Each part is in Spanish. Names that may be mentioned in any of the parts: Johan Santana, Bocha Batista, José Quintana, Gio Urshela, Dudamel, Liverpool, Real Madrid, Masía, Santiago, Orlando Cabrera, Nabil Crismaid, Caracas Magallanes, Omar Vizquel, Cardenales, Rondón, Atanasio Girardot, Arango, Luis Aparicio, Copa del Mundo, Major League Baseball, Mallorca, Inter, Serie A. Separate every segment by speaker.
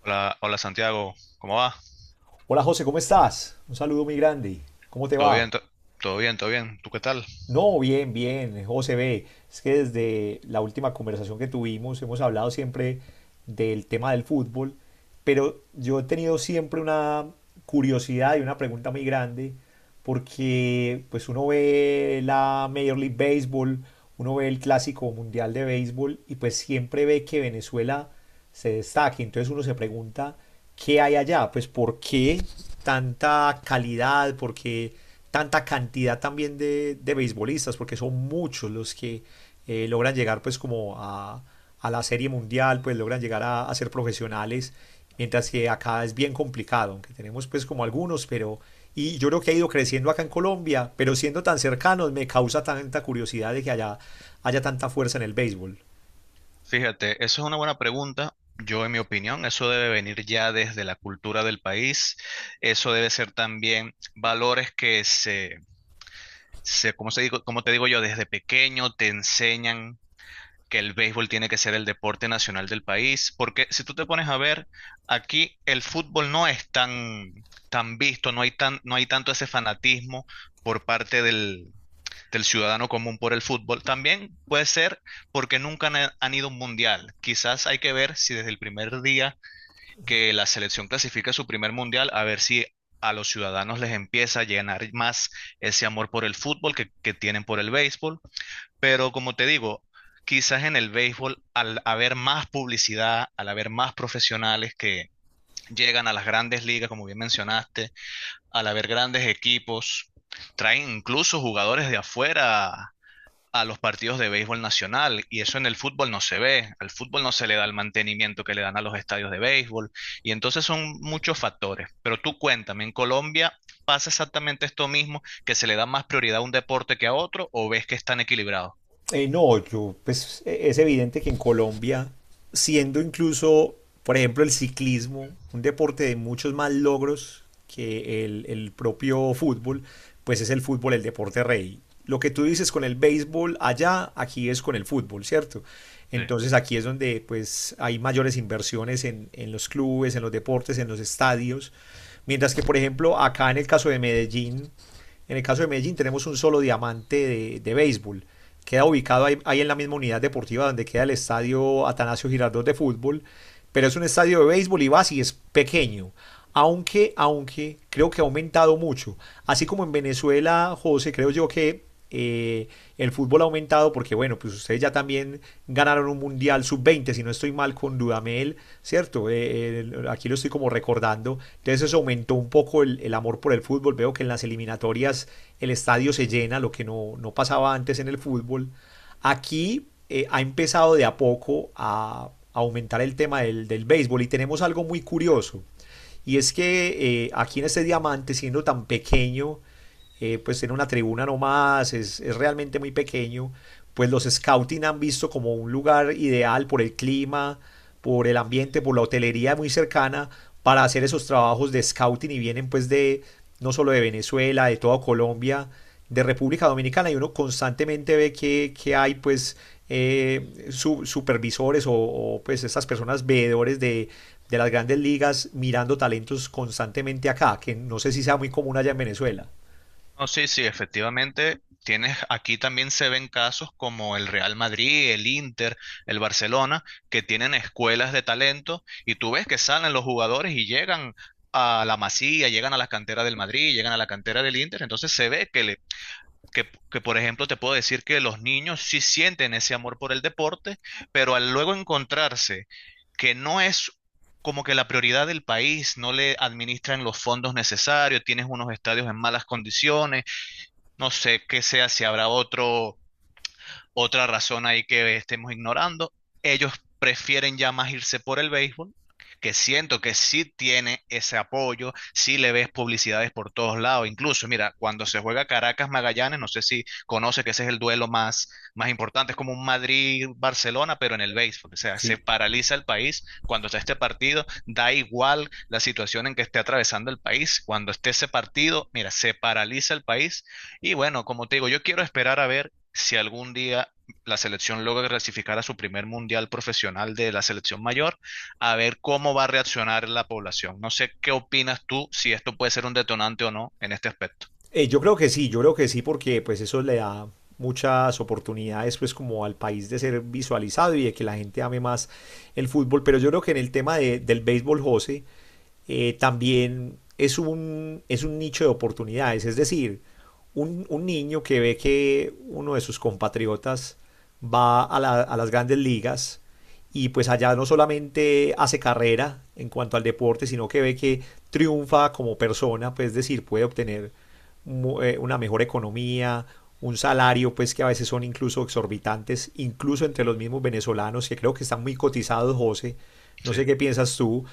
Speaker 1: Hola, hola Santiago, ¿cómo va?
Speaker 2: Hola José, ¿cómo estás? Un saludo muy grande. ¿Cómo te
Speaker 1: ¿Todo
Speaker 2: va?
Speaker 1: bien? to- ¿Todo bien? ¿Todo bien? ¿Tú qué tal?
Speaker 2: No, bien, bien, José B. Es que desde la última conversación que tuvimos hemos hablado siempre del tema del fútbol, pero yo he tenido siempre una curiosidad y una pregunta muy grande porque pues uno ve la Major League Baseball, uno ve el Clásico Mundial de Béisbol y pues siempre ve que Venezuela se destaque. Entonces uno se pregunta, ¿qué hay allá? Pues ¿por qué tanta calidad? ¿Por qué tanta cantidad también de beisbolistas? Porque son muchos los que logran llegar pues como a la serie mundial, pues logran llegar a ser profesionales, mientras que acá es bien complicado, aunque tenemos pues como algunos, pero y yo creo que ha ido creciendo acá en Colombia, pero siendo tan cercanos me causa tanta curiosidad de que haya, haya tanta fuerza en el béisbol.
Speaker 1: Fíjate, eso es una buena pregunta. Yo, en mi opinión, eso debe venir ya desde la cultura del país. Eso debe ser también valores que se, ¿cómo te digo yo? Desde pequeño te enseñan que el béisbol tiene que ser el deporte nacional del país. Porque si tú te pones a ver, aquí el fútbol no es tan visto, no hay tanto ese fanatismo por parte del ciudadano común por el fútbol. También puede ser porque nunca han ido a un mundial. Quizás hay que ver si desde el primer día que la selección clasifica su primer mundial, a ver si a los ciudadanos les empieza a llenar más ese amor por el fútbol que tienen por el béisbol. Pero como te digo, quizás en el béisbol, al haber más publicidad, al haber más profesionales que llegan a las grandes ligas, como bien mencionaste, al haber grandes equipos, traen incluso jugadores de afuera a los partidos de béisbol nacional y eso en el fútbol no se ve, al fútbol no se le da el mantenimiento que le dan a los estadios de béisbol y entonces son muchos factores. Pero tú cuéntame, ¿en Colombia pasa exactamente esto mismo, que se le da más prioridad a un deporte que a otro o ves que están equilibrados?
Speaker 2: No, yo, pues es evidente que en Colombia, siendo incluso, por ejemplo, el ciclismo, un deporte de muchos más logros que el propio fútbol, pues es el fútbol el deporte rey. Lo que tú dices con el béisbol allá, aquí es con el fútbol, ¿cierto?
Speaker 1: Sí.
Speaker 2: Entonces aquí es donde pues hay mayores inversiones en los clubes, en los deportes, en los estadios. Mientras que, por ejemplo, acá en el caso de Medellín, en el caso de Medellín tenemos un solo diamante de béisbol. Queda ubicado ahí, ahí en la misma unidad deportiva donde queda el estadio Atanasio Girardot de fútbol. Pero es un estadio de béisbol y vas y es pequeño aunque, aunque creo que ha aumentado mucho. Así como en Venezuela, José, creo yo que el fútbol ha aumentado porque, bueno, pues ustedes ya también ganaron un Mundial sub-20 si no estoy mal con Dudamel, ¿cierto? Aquí lo estoy como recordando. Entonces eso aumentó un poco amor por el fútbol. Veo que en las eliminatorias el estadio se llena, lo que no, no pasaba antes en el fútbol. Aquí ha empezado de a poco a aumentar el tema del béisbol y tenemos algo muy curioso. Y es que aquí en este diamante, siendo tan pequeño, pues tiene una tribuna nomás, es realmente muy pequeño, pues los scouting han visto como un lugar ideal por el clima, por el ambiente, por la hotelería muy cercana para hacer esos trabajos de scouting y vienen pues de no solo de Venezuela, de toda Colombia, de República Dominicana y uno constantemente ve que hay pues supervisores o pues estas personas veedores de las grandes ligas mirando talentos constantemente acá, que no sé si sea muy común allá en Venezuela.
Speaker 1: No, sí, sí, efectivamente. Tienes, aquí también se ven casos como el Real Madrid, el Inter, el Barcelona, que tienen escuelas de talento y tú ves que salen los jugadores y llegan a la Masía, llegan a la cantera del Madrid, llegan a la cantera del Inter. Entonces se ve que, por ejemplo, te puedo decir que los niños sí sienten ese amor por el deporte, pero al luego encontrarse que no es como que la prioridad del país, no le administran los fondos necesarios, tienes unos estadios en malas condiciones no sé qué sea, si habrá otro. Otra razón ahí que estemos ignorando, ellos prefieren ya más irse por el béisbol, que siento que sí tiene ese apoyo, sí le ves publicidades por todos lados. Incluso, mira, cuando se juega Caracas Magallanes, no sé si conoce que ese es el duelo más, más importante, es como un Madrid-Barcelona, pero en el béisbol. O sea, se
Speaker 2: Sí.
Speaker 1: paraliza el país cuando está este partido, da igual la situación en que esté atravesando el país. Cuando esté ese partido, mira, se paraliza el país. Y bueno, como te digo, yo quiero esperar a ver si algún día la selección logra clasificar a su primer mundial profesional de la selección mayor, a ver cómo va a reaccionar la población. No sé qué opinas tú, si esto puede ser un detonante o no en este aspecto.
Speaker 2: Yo creo que sí, yo creo que sí, porque pues eso le da muchas oportunidades pues como al país de ser visualizado y de que la gente ame más el fútbol, pero yo creo que en el tema del béisbol, José, también es es un nicho de oportunidades. Es decir, un niño que ve que uno de sus compatriotas va a, a las grandes ligas y pues allá no solamente hace carrera en cuanto al deporte, sino que ve que triunfa como persona, pues es decir, puede obtener una mejor economía, un salario pues que a veces son incluso exorbitantes, incluso entre los mismos venezolanos que creo que están muy cotizados, José. No
Speaker 1: Sí,
Speaker 2: sé qué piensas tú,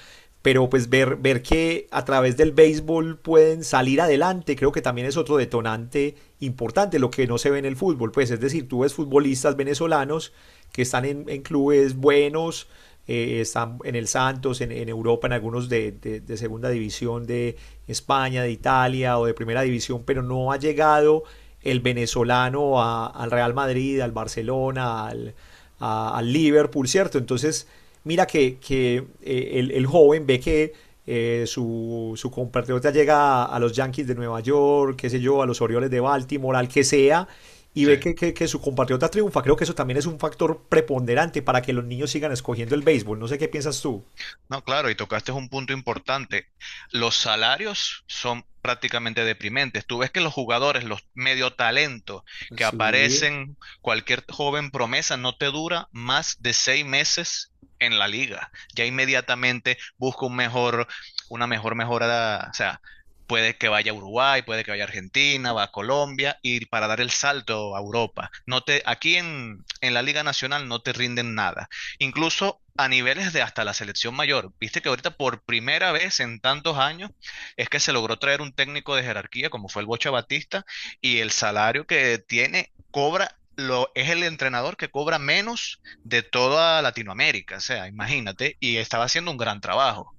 Speaker 2: pero pues ver, ver que a través del béisbol pueden salir adelante, creo que también es otro detonante importante, lo que no se ve en el fútbol, pues es decir, tú ves futbolistas venezolanos que están en clubes buenos, están en el Santos, en Europa, en algunos de segunda división de España, de Italia o de primera división, pero no ha llegado el venezolano a, al Real Madrid, al Barcelona, a Liverpool, ¿cierto? Entonces, mira que el joven ve que su compatriota llega a los Yankees de Nueva York, qué sé yo, a los Orioles de Baltimore, al que sea, y ve
Speaker 1: sí.
Speaker 2: que, que su compatriota triunfa. Creo que eso también es un factor preponderante para que los niños sigan escogiendo el béisbol. No sé qué piensas tú.
Speaker 1: No, claro, y tocaste un punto importante. Los salarios son prácticamente deprimentes. Tú ves que los jugadores, los medio talentos que
Speaker 2: Sí.
Speaker 1: aparecen, cualquier joven promesa, no te dura más de 6 meses en la liga. Ya inmediatamente busca un mejor, una mejor mejora, o sea, puede que vaya a Uruguay, puede que vaya a Argentina, va a Colombia, y para dar el salto a Europa. No te, aquí en la Liga Nacional no te rinden nada incluso a niveles de hasta la selección mayor. Viste que ahorita por primera vez en tantos años es que se logró traer un técnico de jerarquía como fue el Bocha Batista y el salario que tiene cobra lo es el entrenador que cobra menos de toda Latinoamérica, o sea, imagínate, y estaba haciendo un gran trabajo.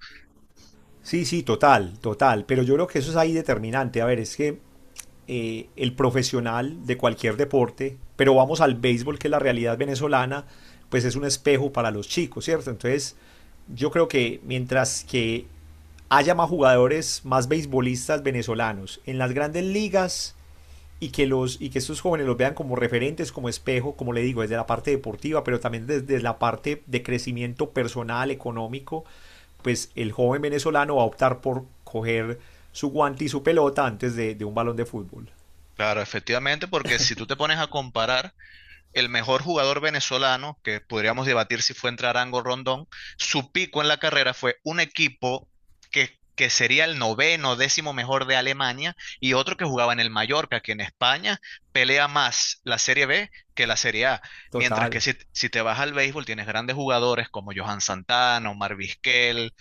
Speaker 2: Sí, sí, total, total. Pero yo creo que eso es ahí determinante. A ver, es que el profesional de cualquier deporte, pero vamos al béisbol, que es la realidad venezolana, pues es un espejo para los chicos, ¿cierto? Entonces, yo creo que mientras que haya más jugadores, más beisbolistas venezolanos en las grandes ligas y que, los, y que estos jóvenes los vean como referentes, como espejo, como le digo, desde la parte deportiva, pero también desde la parte de crecimiento personal, económico, pues el joven venezolano va a optar por coger su guante y su pelota antes de un balón de fútbol.
Speaker 1: Claro, efectivamente, porque si tú te pones a comparar el mejor jugador venezolano, que podríamos debatir si fue entre Arango o Rondón, su pico en la carrera fue un equipo que sería el noveno, décimo mejor de Alemania y otro que jugaba en el Mallorca, que en España pelea más la Serie B que la Serie A. Mientras
Speaker 2: Total.
Speaker 1: que si, si te vas al béisbol, tienes grandes jugadores como Johan Santana, Omar Vizquel,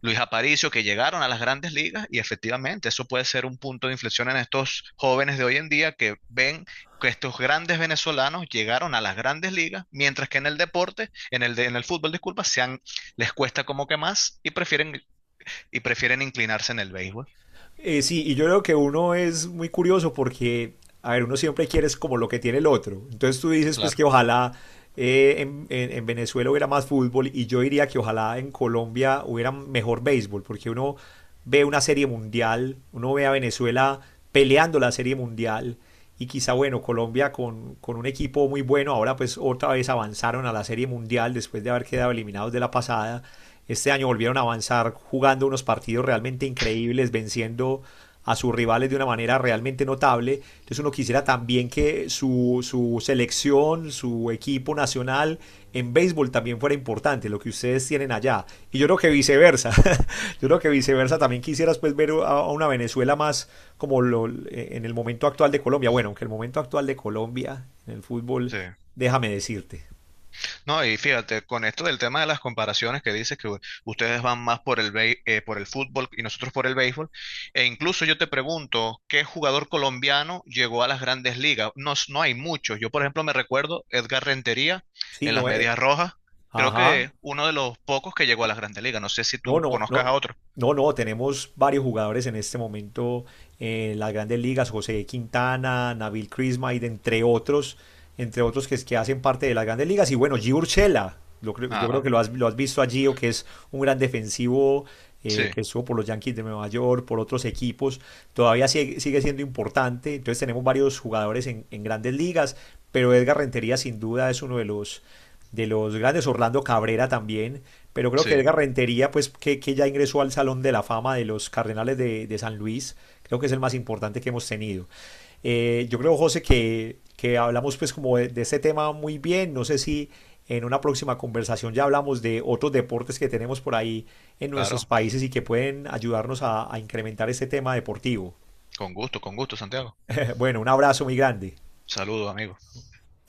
Speaker 1: Luis Aparicio, que llegaron a las grandes ligas y efectivamente eso puede ser un punto de inflexión en estos jóvenes de hoy en día que ven que estos grandes venezolanos llegaron a las grandes ligas, mientras que en el deporte, en el, en el fútbol, disculpa, les cuesta como que más y prefieren inclinarse en el béisbol.
Speaker 2: Sí, y yo creo que uno es muy curioso porque, a ver, uno siempre quiere es como lo que tiene el otro. Entonces tú dices pues
Speaker 1: Claro.
Speaker 2: que ojalá en Venezuela hubiera más fútbol y yo diría que ojalá en Colombia hubiera mejor béisbol, porque uno ve una serie mundial, uno ve a Venezuela peleando la serie mundial y quizá bueno, Colombia con un equipo muy bueno, ahora pues otra vez avanzaron a la Serie Mundial después de haber quedado eliminados de la pasada, este año volvieron a avanzar jugando unos partidos realmente increíbles, venciendo a sus rivales de una manera realmente notable, entonces uno quisiera también que su selección, su equipo nacional en béisbol también fuera importante, lo que ustedes tienen allá, y yo creo que viceversa, Yo creo que viceversa también quisieras pues ver a una Venezuela más como lo, en el momento actual de Colombia. Bueno, aunque el momento actual de Colombia en el fútbol,
Speaker 1: Sí.
Speaker 2: déjame decirte.
Speaker 1: No, y fíjate, con esto del tema de las comparaciones que dices que ustedes van más por el fútbol y nosotros por el béisbol, e incluso yo te pregunto, ¿qué jugador colombiano llegó a las grandes ligas? No, no hay muchos. Yo, por ejemplo, me recuerdo Edgar Rentería
Speaker 2: Sí,
Speaker 1: en las
Speaker 2: no es.
Speaker 1: Medias Rojas, creo
Speaker 2: Ajá.
Speaker 1: que uno de los pocos que llegó a las grandes ligas. No sé si
Speaker 2: No,
Speaker 1: tú
Speaker 2: no, no,
Speaker 1: conozcas a otro.
Speaker 2: no, no, tenemos varios jugadores en este momento en las grandes ligas, José Quintana, Nabil Crismaid, entre otros que, que hacen parte de las grandes ligas. Y bueno, Gio Urshela, yo creo
Speaker 1: Ah,
Speaker 2: que lo has visto a Gio, que es un gran defensivo
Speaker 1: sí,
Speaker 2: que estuvo por los Yankees de Nueva York, por otros equipos, todavía sigue, sigue siendo importante. Entonces tenemos varios jugadores en grandes ligas, pero Edgar Rentería sin duda es uno de los grandes, Orlando Cabrera también, pero creo que
Speaker 1: sí,
Speaker 2: Edgar Rentería, pues que ya ingresó al Salón de la Fama de los Cardenales de San Luis, creo que es el más importante que hemos tenido. Yo creo, José, que hablamos pues como de este tema muy bien, no sé si en una próxima conversación ya hablamos de otros deportes que tenemos por ahí en nuestros
Speaker 1: claro.
Speaker 2: países y que pueden ayudarnos a incrementar este tema deportivo.
Speaker 1: Con gusto, Santiago.
Speaker 2: Bueno, un abrazo muy grande.
Speaker 1: Saludos, amigo.